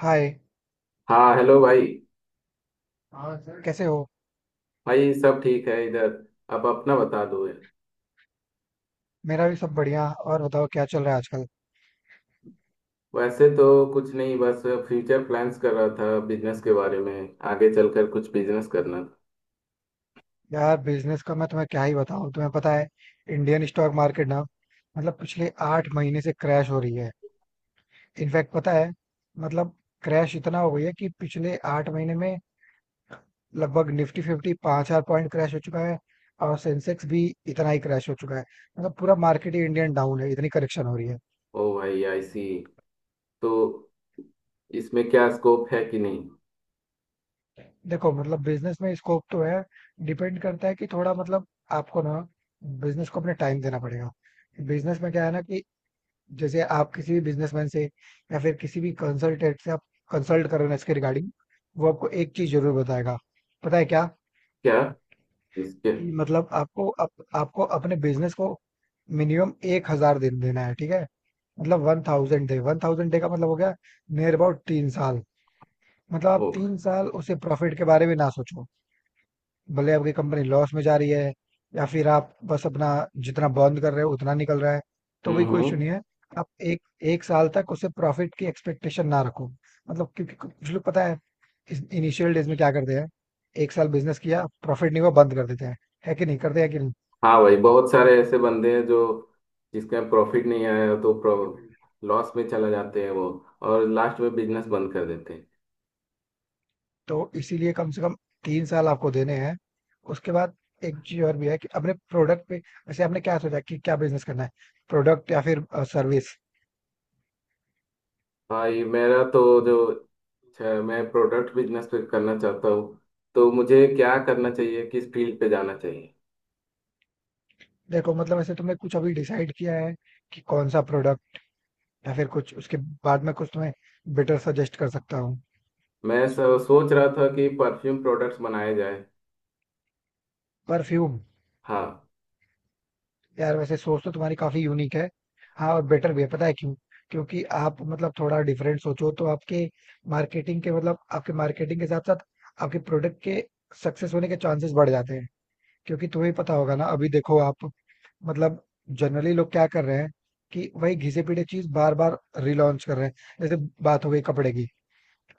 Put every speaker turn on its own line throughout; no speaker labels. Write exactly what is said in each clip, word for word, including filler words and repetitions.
हाय।
हाँ हेलो भाई।
हाँ सर कैसे हो।
भाई सब ठीक है इधर। अब अपना बता दो यार।
मेरा भी सब बढ़िया। और बताओ क्या चल रहा है आजकल।
वैसे तो कुछ नहीं बस फ्यूचर प्लान्स कर रहा था बिजनेस के बारे में, आगे चलकर कुछ बिजनेस करना था।
यार बिजनेस का मैं तुम्हें क्या ही बताऊं। तुम्हें पता है इंडियन स्टॉक मार्केट ना, मतलब पिछले आठ महीने से क्रैश हो रही है। इनफैक्ट पता है, मतलब क्रैश इतना हो गई है कि पिछले आठ महीने में लगभग निफ्टी फिफ्टी पाँच हजार पॉइंट क्रैश हो चुका है। और सेंसेक्स भी इतना ही क्रैश हो चुका है। मतलब पूरा मार्केट ही इंडियन डाउन है, इतनी करेक्शन हो रही है।
ओ भाई आई सी। तो इसमें क्या स्कोप है कि नहीं?
देखो मतलब बिजनेस में स्कोप तो है। डिपेंड करता है कि थोड़ा, मतलब आपको ना बिजनेस को अपने टाइम देना पड़ेगा। बिजनेस में क्या है ना कि जैसे आप किसी भी बिजनेसमैन से या फिर किसी भी कंसल्टेंट से आप कंसल्ट कर रहे हो इसके रिगार्डिंग, वो आपको एक चीज जरूर बताएगा। पता है क्या?
क्या इसके?
कि मतलब आपको अप, आपको अपने बिजनेस को मिनिमम एक हजार दिन देना है। ठीक है, मतलब one thousand day, one thousand day का मतलब हो गया नियर अबाउट तीन साल। मतलब आप
ओ भाई।
तीन साल उसे प्रॉफिट के बारे में ना सोचो। भले आपकी कंपनी लॉस में जा रही है या फिर आप बस अपना जितना बर्न कर रहे हो उतना निकल रहा है, तो
हम्म
भी कोई इशू नहीं
हम्म।
है। आप एक एक साल तक उसे प्रॉफिट की एक्सपेक्टेशन ना रखो। मतलब क्योंकि कुछ लोग, पता है, इनिशियल डेज में क्या करते हैं, एक साल बिजनेस किया प्रॉफिट नहीं हुआ बंद कर देते हैं। है कि नहीं, करते हैं कि नहीं?
हाँ भाई, बहुत सारे ऐसे बंदे हैं जो जिसका प्रॉफिट नहीं आया तो लॉस में चला जाते हैं वो, और लास्ट में बिजनेस बंद कर देते हैं।
तो इसीलिए कम से कम तीन साल आपको देने हैं। उसके बाद एक चीज और भी है कि अपने प्रोडक्ट पे, वैसे आपने क्या सोचा कि क्या बिजनेस करना है? प्रोडक्ट या फिर सर्विस?
भाई मेरा तो जो छ- मैं प्रोडक्ट बिजनेस पे करना चाहता हूँ। तो मुझे क्या करना चाहिए, किस फील्ड पे जाना चाहिए?
देखो मतलब ऐसे तुमने कुछ अभी डिसाइड किया है कि कौन सा प्रोडक्ट, या फिर कुछ, उसके बाद में कुछ तुम्हें बेटर सजेस्ट कर सकता हूँ।
मैं स- सोच रहा था कि परफ्यूम प्रोडक्ट्स बनाए जाए।
परफ्यूम?
हाँ।
यार वैसे सोच तो तुम्हारी काफी यूनिक है। हाँ और बेटर भी है, पता है क्यों? क्योंकि आप मतलब थोड़ा डिफरेंट सोचो तो आपके मार्केटिंग के मतलब आपके मार्केटिंग के साथ साथ आपके प्रोडक्ट के सक्सेस होने के चांसेस बढ़ जाते हैं। क्योंकि तुम्हें पता होगा ना, अभी देखो आप, मतलब जनरली लोग क्या कर रहे हैं कि वही घिसे पीटे चीज बार बार रिलॉन्च कर रहे हैं। जैसे बात हो गई कपड़े की,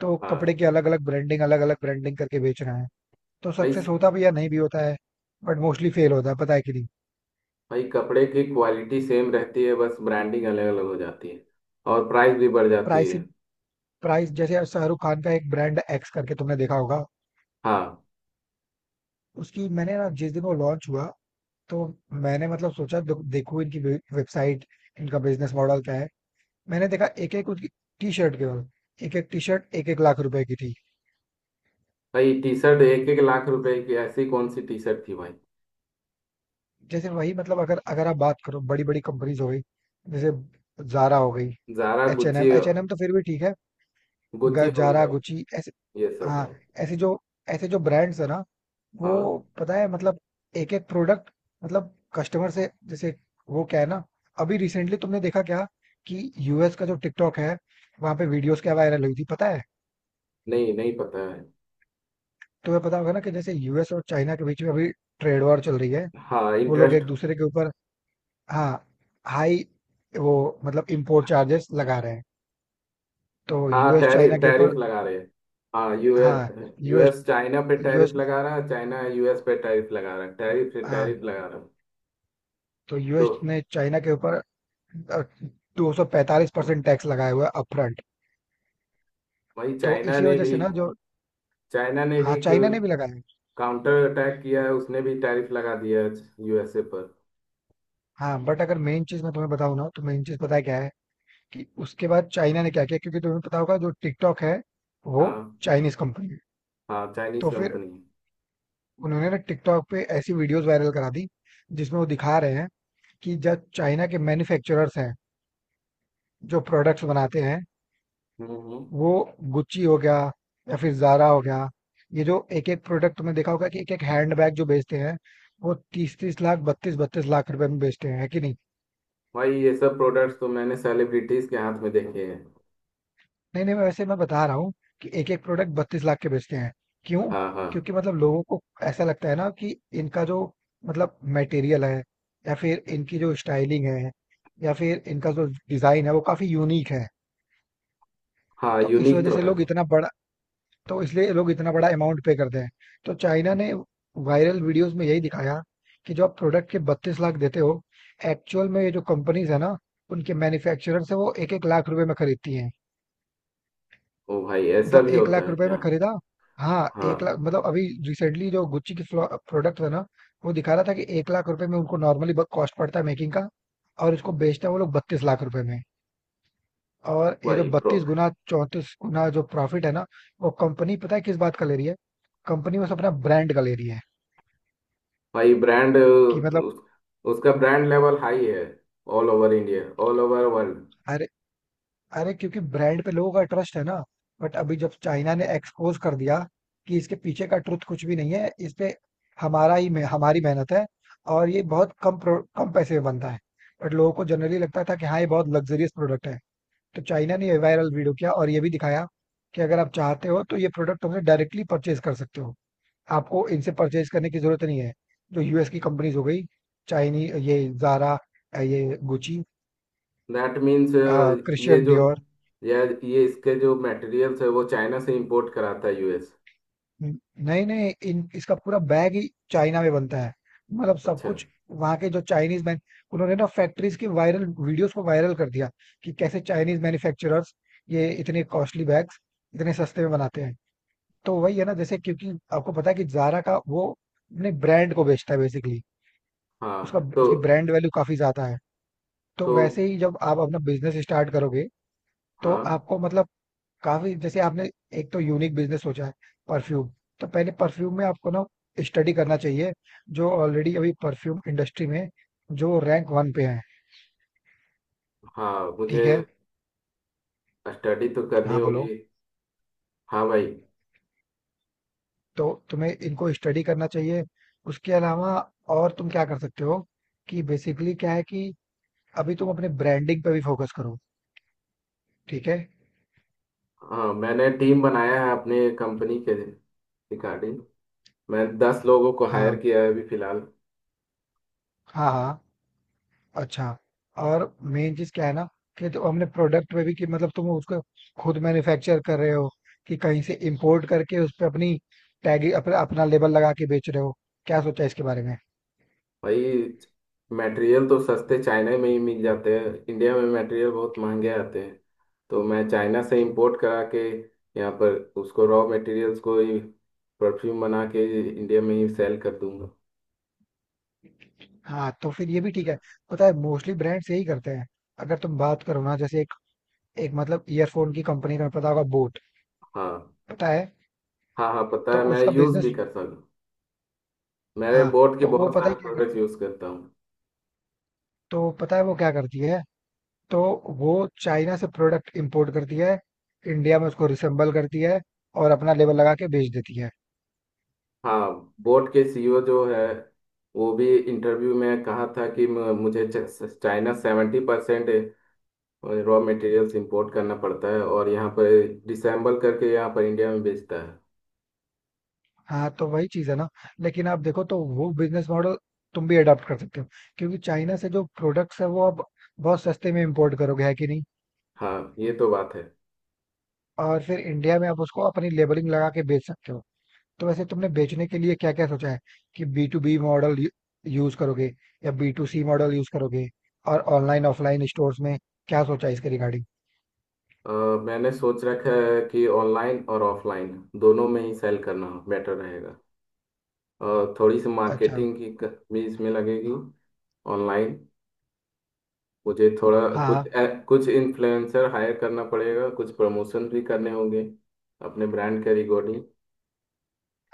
तो कपड़े
हाँ
के अलग अलग ब्रांडिंग अलग अलग ब्रांडिंग करके बेच रहे हैं। तो
भाई।
सक्सेस होता भी या नहीं भी होता है, बट मोस्टली फेल होता है, पता है कि नहीं?
भाई कपड़े की क्वालिटी सेम रहती है, बस ब्रांडिंग अलग अलग हो जाती है और प्राइस भी बढ़ जाती है।
प्राइसिंग, प्राइस, जैसे अब शाहरुख खान का एक ब्रांड एक्स करके तुमने देखा होगा।
हाँ
उसकी मैंने ना, जिस दिन वो लॉन्च हुआ तो मैंने मतलब सोचा दे- देखूं इनकी वे- वेबसाइट, इनका बिजनेस मॉडल क्या है। मैंने देखा एक एक उसकी टी शर्ट केवल, एक एक टी शर्ट एक एक लाख रुपए की थी।
भाई, टी शर्ट एक एक लाख रुपए की, ऐसी कौन सी टी शर्ट थी भाई?
जैसे वही मतलब अगर अगर आप बात करो बड़ी बड़ी कंपनीज हो गई, जैसे जारा हो गई,
Zara
H and M,
Gucci.
H and M तो फिर भी ठीक है। ग-
गुच्ची हो
जारा
गया।
गुची ऐसे,
ये सब।
हाँ, ऐसे जो ऐसे जो ब्रांड्स है ना, वो
हाँ।
पता है मतलब एक एक प्रोडक्ट, मतलब कस्टमर से जैसे, वो क्या है ना, अभी रिसेंटली तुमने देखा क्या कि यूएस का जो टिकटॉक है, वहां पे वीडियोस क्या वायरल हुई थी, पता है?
नहीं नहीं पता है।
तुम्हें पता होगा ना कि जैसे यूएस और चाइना के बीच में अभी ट्रेड वॉर चल रही है,
हाँ
वो लोग एक
इंटरेस्ट।
दूसरे के ऊपर, हाँ, हाई, वो मतलब इम्पोर्ट चार्जेस लगा रहे हैं। तो
हाँ
यूएस चाइना
टैरिफ
के
टैरिफ
ऊपर,
लगा रहे हैं। हाँ
हाँ,
यूएस।
यूएस,
यूएस चाइना पे
यूएस
टैरिफ लगा रहा है, चाइना यूएस पे टैरिफ लगा रहा है, टैरिफ पे
हाँ,
टैरिफ लगा रहा है।
तो
तो
यूएस ने चाइना के ऊपर दो सौ पैंतालीस परसेंट टैक्स लगाया हुआ है अपफ्रंट।
वही
तो
चाइना
इसी
ने
वजह
भी।
से ना जो,
चाइना ने
हाँ,
भी
चाइना ने भी लगाया है।
काउंटर अटैक किया है, उसने भी टैरिफ लगा दिया है यूएसए पर।
हाँ बट अगर मेन चीज मैं तुम्हें बताऊं ना, तो मेन चीज पता है क्या है? कि उसके बाद चाइना ने क्या किया। क्योंकि तुम्हें पता होगा जो टिकटॉक है वो
हाँ।
चाइनीज कंपनी है।
हाँ चाइनीज
तो फिर
कंपनी।
उन्होंने ना टिकटॉक पे ऐसी वीडियोस वायरल करा दी जिसमें वो दिखा रहे हैं कि जब चाइना के मैन्युफैक्चरर्स हैं जो प्रोडक्ट्स बनाते हैं,
हम्म हम्म।
वो, गुच्ची हो गया या फिर जारा हो गया, ये जो एक एक प्रोडक्ट, तुमने देखा होगा कि एक एक हैंड बैग जो बेचते हैं वो तीस तीस लाख बत्तीस बत्तीस लाख रुपए में बेचते हैं, है कि नहीं?
भाई ये सब प्रोडक्ट्स तो मैंने सेलिब्रिटीज के हाथ में देखे हैं।
नहीं नहीं, मैं वैसे मैं बता रहा हूँ कि एक एक प्रोडक्ट बत्तीस लाख के बेचते हैं। क्यों?
हाँ हाँ।
क्योंकि मतलब लोगों को ऐसा लगता है ना कि इनका जो मतलब मटेरियल है, या फिर इनकी जो स्टाइलिंग है, या फिर इनका जो डिजाइन है वो काफी यूनिक है।
हाँ
तो इस
यूनिक
वजह
तो
से
है।
लोग इतना बड़ा, तो इसलिए लोग इतना बड़ा अमाउंट पे करते हैं। तो चाइना ने वायरल वीडियोस में यही दिखाया कि जो आप प्रोडक्ट के बत्तीस लाख देते हो, एक्चुअल में ये जो कंपनीज है ना, उनके मैन्युफैक्चरर से वो एक एक लाख रुपए में खरीदती हैं।
ओ भाई ऐसा
मतलब
भी
एक
होता
लाख
है
रुपए
क्या?
में खरीदा, हाँ,
हाँ।
एक लाख, मतलब अभी रिसेंटली जो गुच्ची की प्रोडक्ट था ना, वो दिखा रहा था कि एक लाख रुपए में उनको नॉर्मली कॉस्ट पड़ता है मेकिंग का, और इसको बेचते हैं वो लोग बत्तीस लाख रुपए में। और ये जो
वही।
बत्तीस गुना चौंतीस गुना जो प्रॉफिट है ना, वो कंपनी पता है किस बात का ले रही है? कंपनी बस अपना ब्रांड का ले रही है।
भाई ब्रांड
कि मतलब,
उस, उसका ब्रांड लेवल हाई है all over India, all over world.
अरे अरे क्योंकि ब्रांड पे लोगों का ट्रस्ट है ना। बट अभी जब चाइना ने एक्सपोज कर दिया कि इसके पीछे का ट्रुथ कुछ भी नहीं है, इस पे हमारा ही मे- हमारी मेहनत है, और ये बहुत कम प्रो- कम पैसे में बनता है। बट लोगों को जनरली लगता था कि हाँ ये बहुत लग्जरियस प्रोडक्ट है। तो चाइना ने ये वायरल वीडियो किया और ये भी दिखाया कि अगर आप चाहते हो तो ये प्रोडक्ट हमसे डायरेक्टली परचेज कर सकते हो, आपको इनसे परचेज़ करने की ज़रूरत नहीं है। जो यूएस की कंपनीज़ हो गई, चाइनी ये ज़ारा, अ, ये गुची,
दैट मीन्स
अ,
ये
क्रिश्चियन
जो,
डियोर,
या ये इसके जो मटेरियल्स है वो चाइना से इंपोर्ट कराता है यूएस।
हुँ, नए-नए इन इसका पूरा बैग ही चाइना में बनता है। मतलब सब
अच्छा।
कुछ वहाँ के जो चाइनीज़ मैन, उन्होंने ना फैक्ट्रीज़ की वायरल वीडियोज़ को वायरल कर दिया कि कैसे चाइनीज़ मैन्युफैक्चरर्स ये इतने कॉस्टली बैग्स इतने सस्ते में बनाते हैं। तो वही है ना, जैसे क्योंकि आपको पता है कि ज़ारा का वो अपने ब्रांड को बेचता है बेसिकली,
हाँ
उसका,
तो।
उसकी ब्रांड वैल्यू काफ़ी ज़्यादा है। तो
तो।
वैसे ही जब आप अपना बिजनेस स्टार्ट करोगे, तो
हाँ
आपको मतलब काफी, जैसे आपने एक तो यूनिक बिजनेस सोचा है, परफ्यूम। तो पहले परफ्यूम में आपको ना स्टडी करना चाहिए जो ऑलरेडी अभी परफ्यूम इंडस्ट्री में जो रैंक वन पे हैं।
हाँ मुझे
ठीक है,
स्टडी तो करनी
हाँ
होगी।
बोलो।
हाँ भाई।
तो तुम्हें इनको स्टडी करना चाहिए। उसके अलावा और तुम क्या कर सकते हो कि बेसिकली क्या है कि अभी तुम अपने ब्रांडिंग पे भी फोकस करो, ठीक है।
हाँ मैंने टीम बनाया है अपने कंपनी के रिगार्डिंग। मैं दस लोगों को हायर
हाँ,
किया है अभी फिलहाल।
हाँ हाँ, अच्छा, और मेन चीज़ क्या है ना कि जो हमने प्रोडक्ट में भी कि मतलब तुम उसको खुद मैन्युफैक्चर कर रहे हो कि कहीं से इंपोर्ट करके उस पे अपनी टैग, अपना अपना लेबल लगा के बेच रहे हो? क्या सोचा इसके बारे में?
भाई मटेरियल तो सस्ते चाइना में ही मिल जाते हैं, इंडिया में मटेरियल बहुत महंगे आते हैं। तो मैं चाइना से इंपोर्ट करा के यहाँ पर उसको रॉ मटेरियल्स को ही परफ्यूम बना के इंडिया में ही सेल कर दूंगा।
हाँ तो फिर ये भी ठीक है। पता है मोस्टली ब्रांड्स यही करते हैं। अगर तुम बात करो ना जैसे एक एक मतलब ईयरफोन की कंपनी का पता होगा, बोट,
हाँ।
पता है?
हाँ हाँ पता
तो
है, मैं
उसका
यूज़ भी
बिजनेस
करता हूँ। मेरे
हाँ
बोट के
तो वो
बहुत
पता
सारे
है क्या
प्रोडक्ट्स
करती है,
यूज़ करता हूँ।
तो पता है वो क्या करती है तो वो चाइना से प्रोडक्ट इंपोर्ट करती है, इंडिया में उसको रिसेंबल करती है, और अपना लेबल लगा के बेच देती है।
हाँ बोट के सी ई ओ जो है वो भी इंटरव्यू में कहा था कि म- मुझे च- China seventy percent raw materials import करना पड़ता है और यहाँ पर डिसेंबल करके यहाँ पर इंडिया में बेचता है।
हाँ तो वही चीज है ना। लेकिन आप देखो तो वो बिजनेस मॉडल तुम भी अडॉप्ट कर सकते हो। क्योंकि चाइना से जो प्रोडक्ट्स है वो आप बहुत सस्ते में इंपोर्ट करोगे, है कि नहीं?
हाँ ये तो बात है।
और फिर इंडिया में आप उसको अपनी लेबलिंग लगा के बेच सकते हो। तो वैसे तुमने बेचने के लिए क्या क्या सोचा है, कि B to B model use करोगे या B to C model use करोगे, और ऑनलाइन ऑफलाइन स्टोर्स में क्या सोचा है इसके रिगार्डिंग?
अ, मैंने सोच रखा है कि ऑनलाइन और ऑफलाइन दोनों में ही सेल करना बेटर रहेगा। और थोड़ी सी
अच्छा,
मार्केटिंग की क- भी इसमें लगेगी। ऑनलाइन मुझे थोड़ा कुछ
हाँ।
ए- कुछ इन्फ्लुएंसर हायर करना पड़ेगा, कुछ प्रमोशन भी करने होंगे अपने ब्रांड के रिकॉर्डिंग।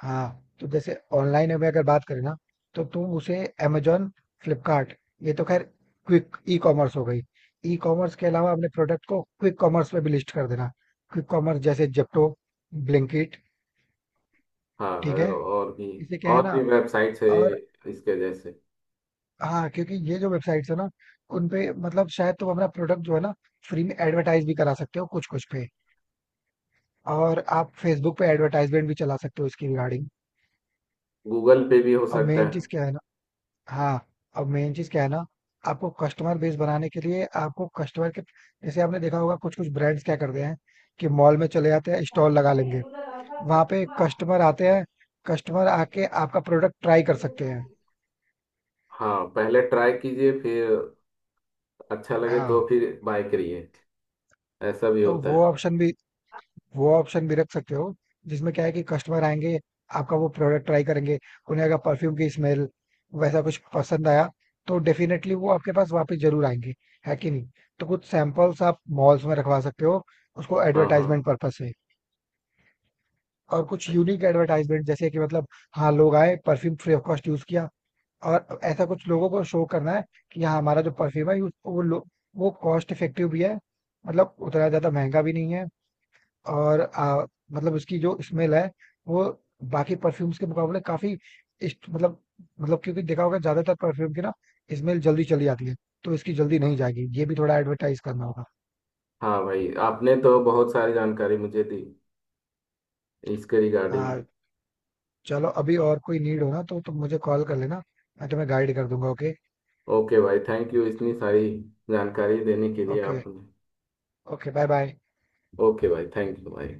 हाँ, तो जैसे ऑनलाइन में अगर बात करें ना, तो तुम उसे अमेजोन, फ्लिपकार्ट, ये तो खैर क्विक ई कॉमर्स हो गई, ई कॉमर्स के अलावा अपने प्रोडक्ट को क्विक कॉमर्स में भी लिस्ट कर देना। क्विक कॉमर्स जैसे जेप्टो, ब्लिंकिट।
हाँ
ठीक है,
और भी।
इसे क्या है
और
ना,
भी वेबसाइट्स है
और,
इसके जैसे।
हाँ क्योंकि ये जो वेबसाइट्स है ना, उन पे मतलब शायद तुम अपना प्रोडक्ट जो है ना फ्री में एडवर्टाइज भी करा सकते हो कुछ कुछ पे। और आप फेसबुक पे एडवर्टाइजमेंट भी चला सकते हो इसकी रिगार्डिंग।
गूगल पे भी हो
और
सकता
मेन
है।
चीज क्या है ना, हाँ, अब मेन चीज क्या है ना आपको कस्टमर बेस बनाने के लिए आपको कस्टमर के, जैसे आपने देखा होगा कुछ कुछ ब्रांड्स क्या करते हैं कि मॉल में चले जाते हैं, स्टॉल लगा लेंगे, वहां पे कस्टमर आते हैं, कस्टमर आके आपका प्रोडक्ट ट्राई कर सकते हैं।
हाँ पहले ट्राई कीजिए, फिर अच्छा लगे तो
हाँ
फिर बाय करिए। ऐसा भी
तो
होता
वो
है।
ऑप्शन भी वो ऑप्शन भी रख सकते हो, जिसमें क्या है कि कस्टमर आएंगे, आपका वो प्रोडक्ट ट्राई करेंगे, उन्हें अगर परफ्यूम की स्मेल वैसा कुछ पसंद आया तो डेफिनेटली वो आपके पास वापस जरूर आएंगे, है कि नहीं? तो कुछ सैंपल्स आप मॉल्स में रखवा सकते हो, उसको
हाँ हाँ
एडवर्टाइजमेंट पर्पस से। और कुछ
भाई।
यूनिक एडवर्टाइजमेंट, जैसे कि मतलब, हाँ, लोग आए perfume free of cost use किया, और ऐसा कुछ लोगों को शो करना है कि हाँ हमारा जो परफ्यूम है use- वो लो- वो कॉस्ट इफेक्टिव भी है, मतलब उतना ज्यादा महंगा भी नहीं है, और अ, मतलब उसकी जो स्मेल है वो बाकी परफ्यूम्स के मुकाबले काफी इस्ट- मतलब मतलब क्योंकि देखा होगा ज्यादातर परफ्यूम की ना स्मेल जल्दी चली जाती है, तो इसकी जल्दी नहीं जाएगी, ये भी थोड़ा एडवर्टाइज करना होगा।
हाँ भाई आपने तो बहुत सारी जानकारी मुझे दी इसके रिगार्डिंग।
हाँ, चलो अभी और कोई नीड हो ना तो तुम मुझे कॉल कर लेना, मैं तुम्हें गाइड कर दूंगा। ओके?
ओके भाई थैंक यू इतनी सारी जानकारी देने के लिए
ओके,
आपने।
Okay bye bye.
ओके भाई थैंक यू भाई।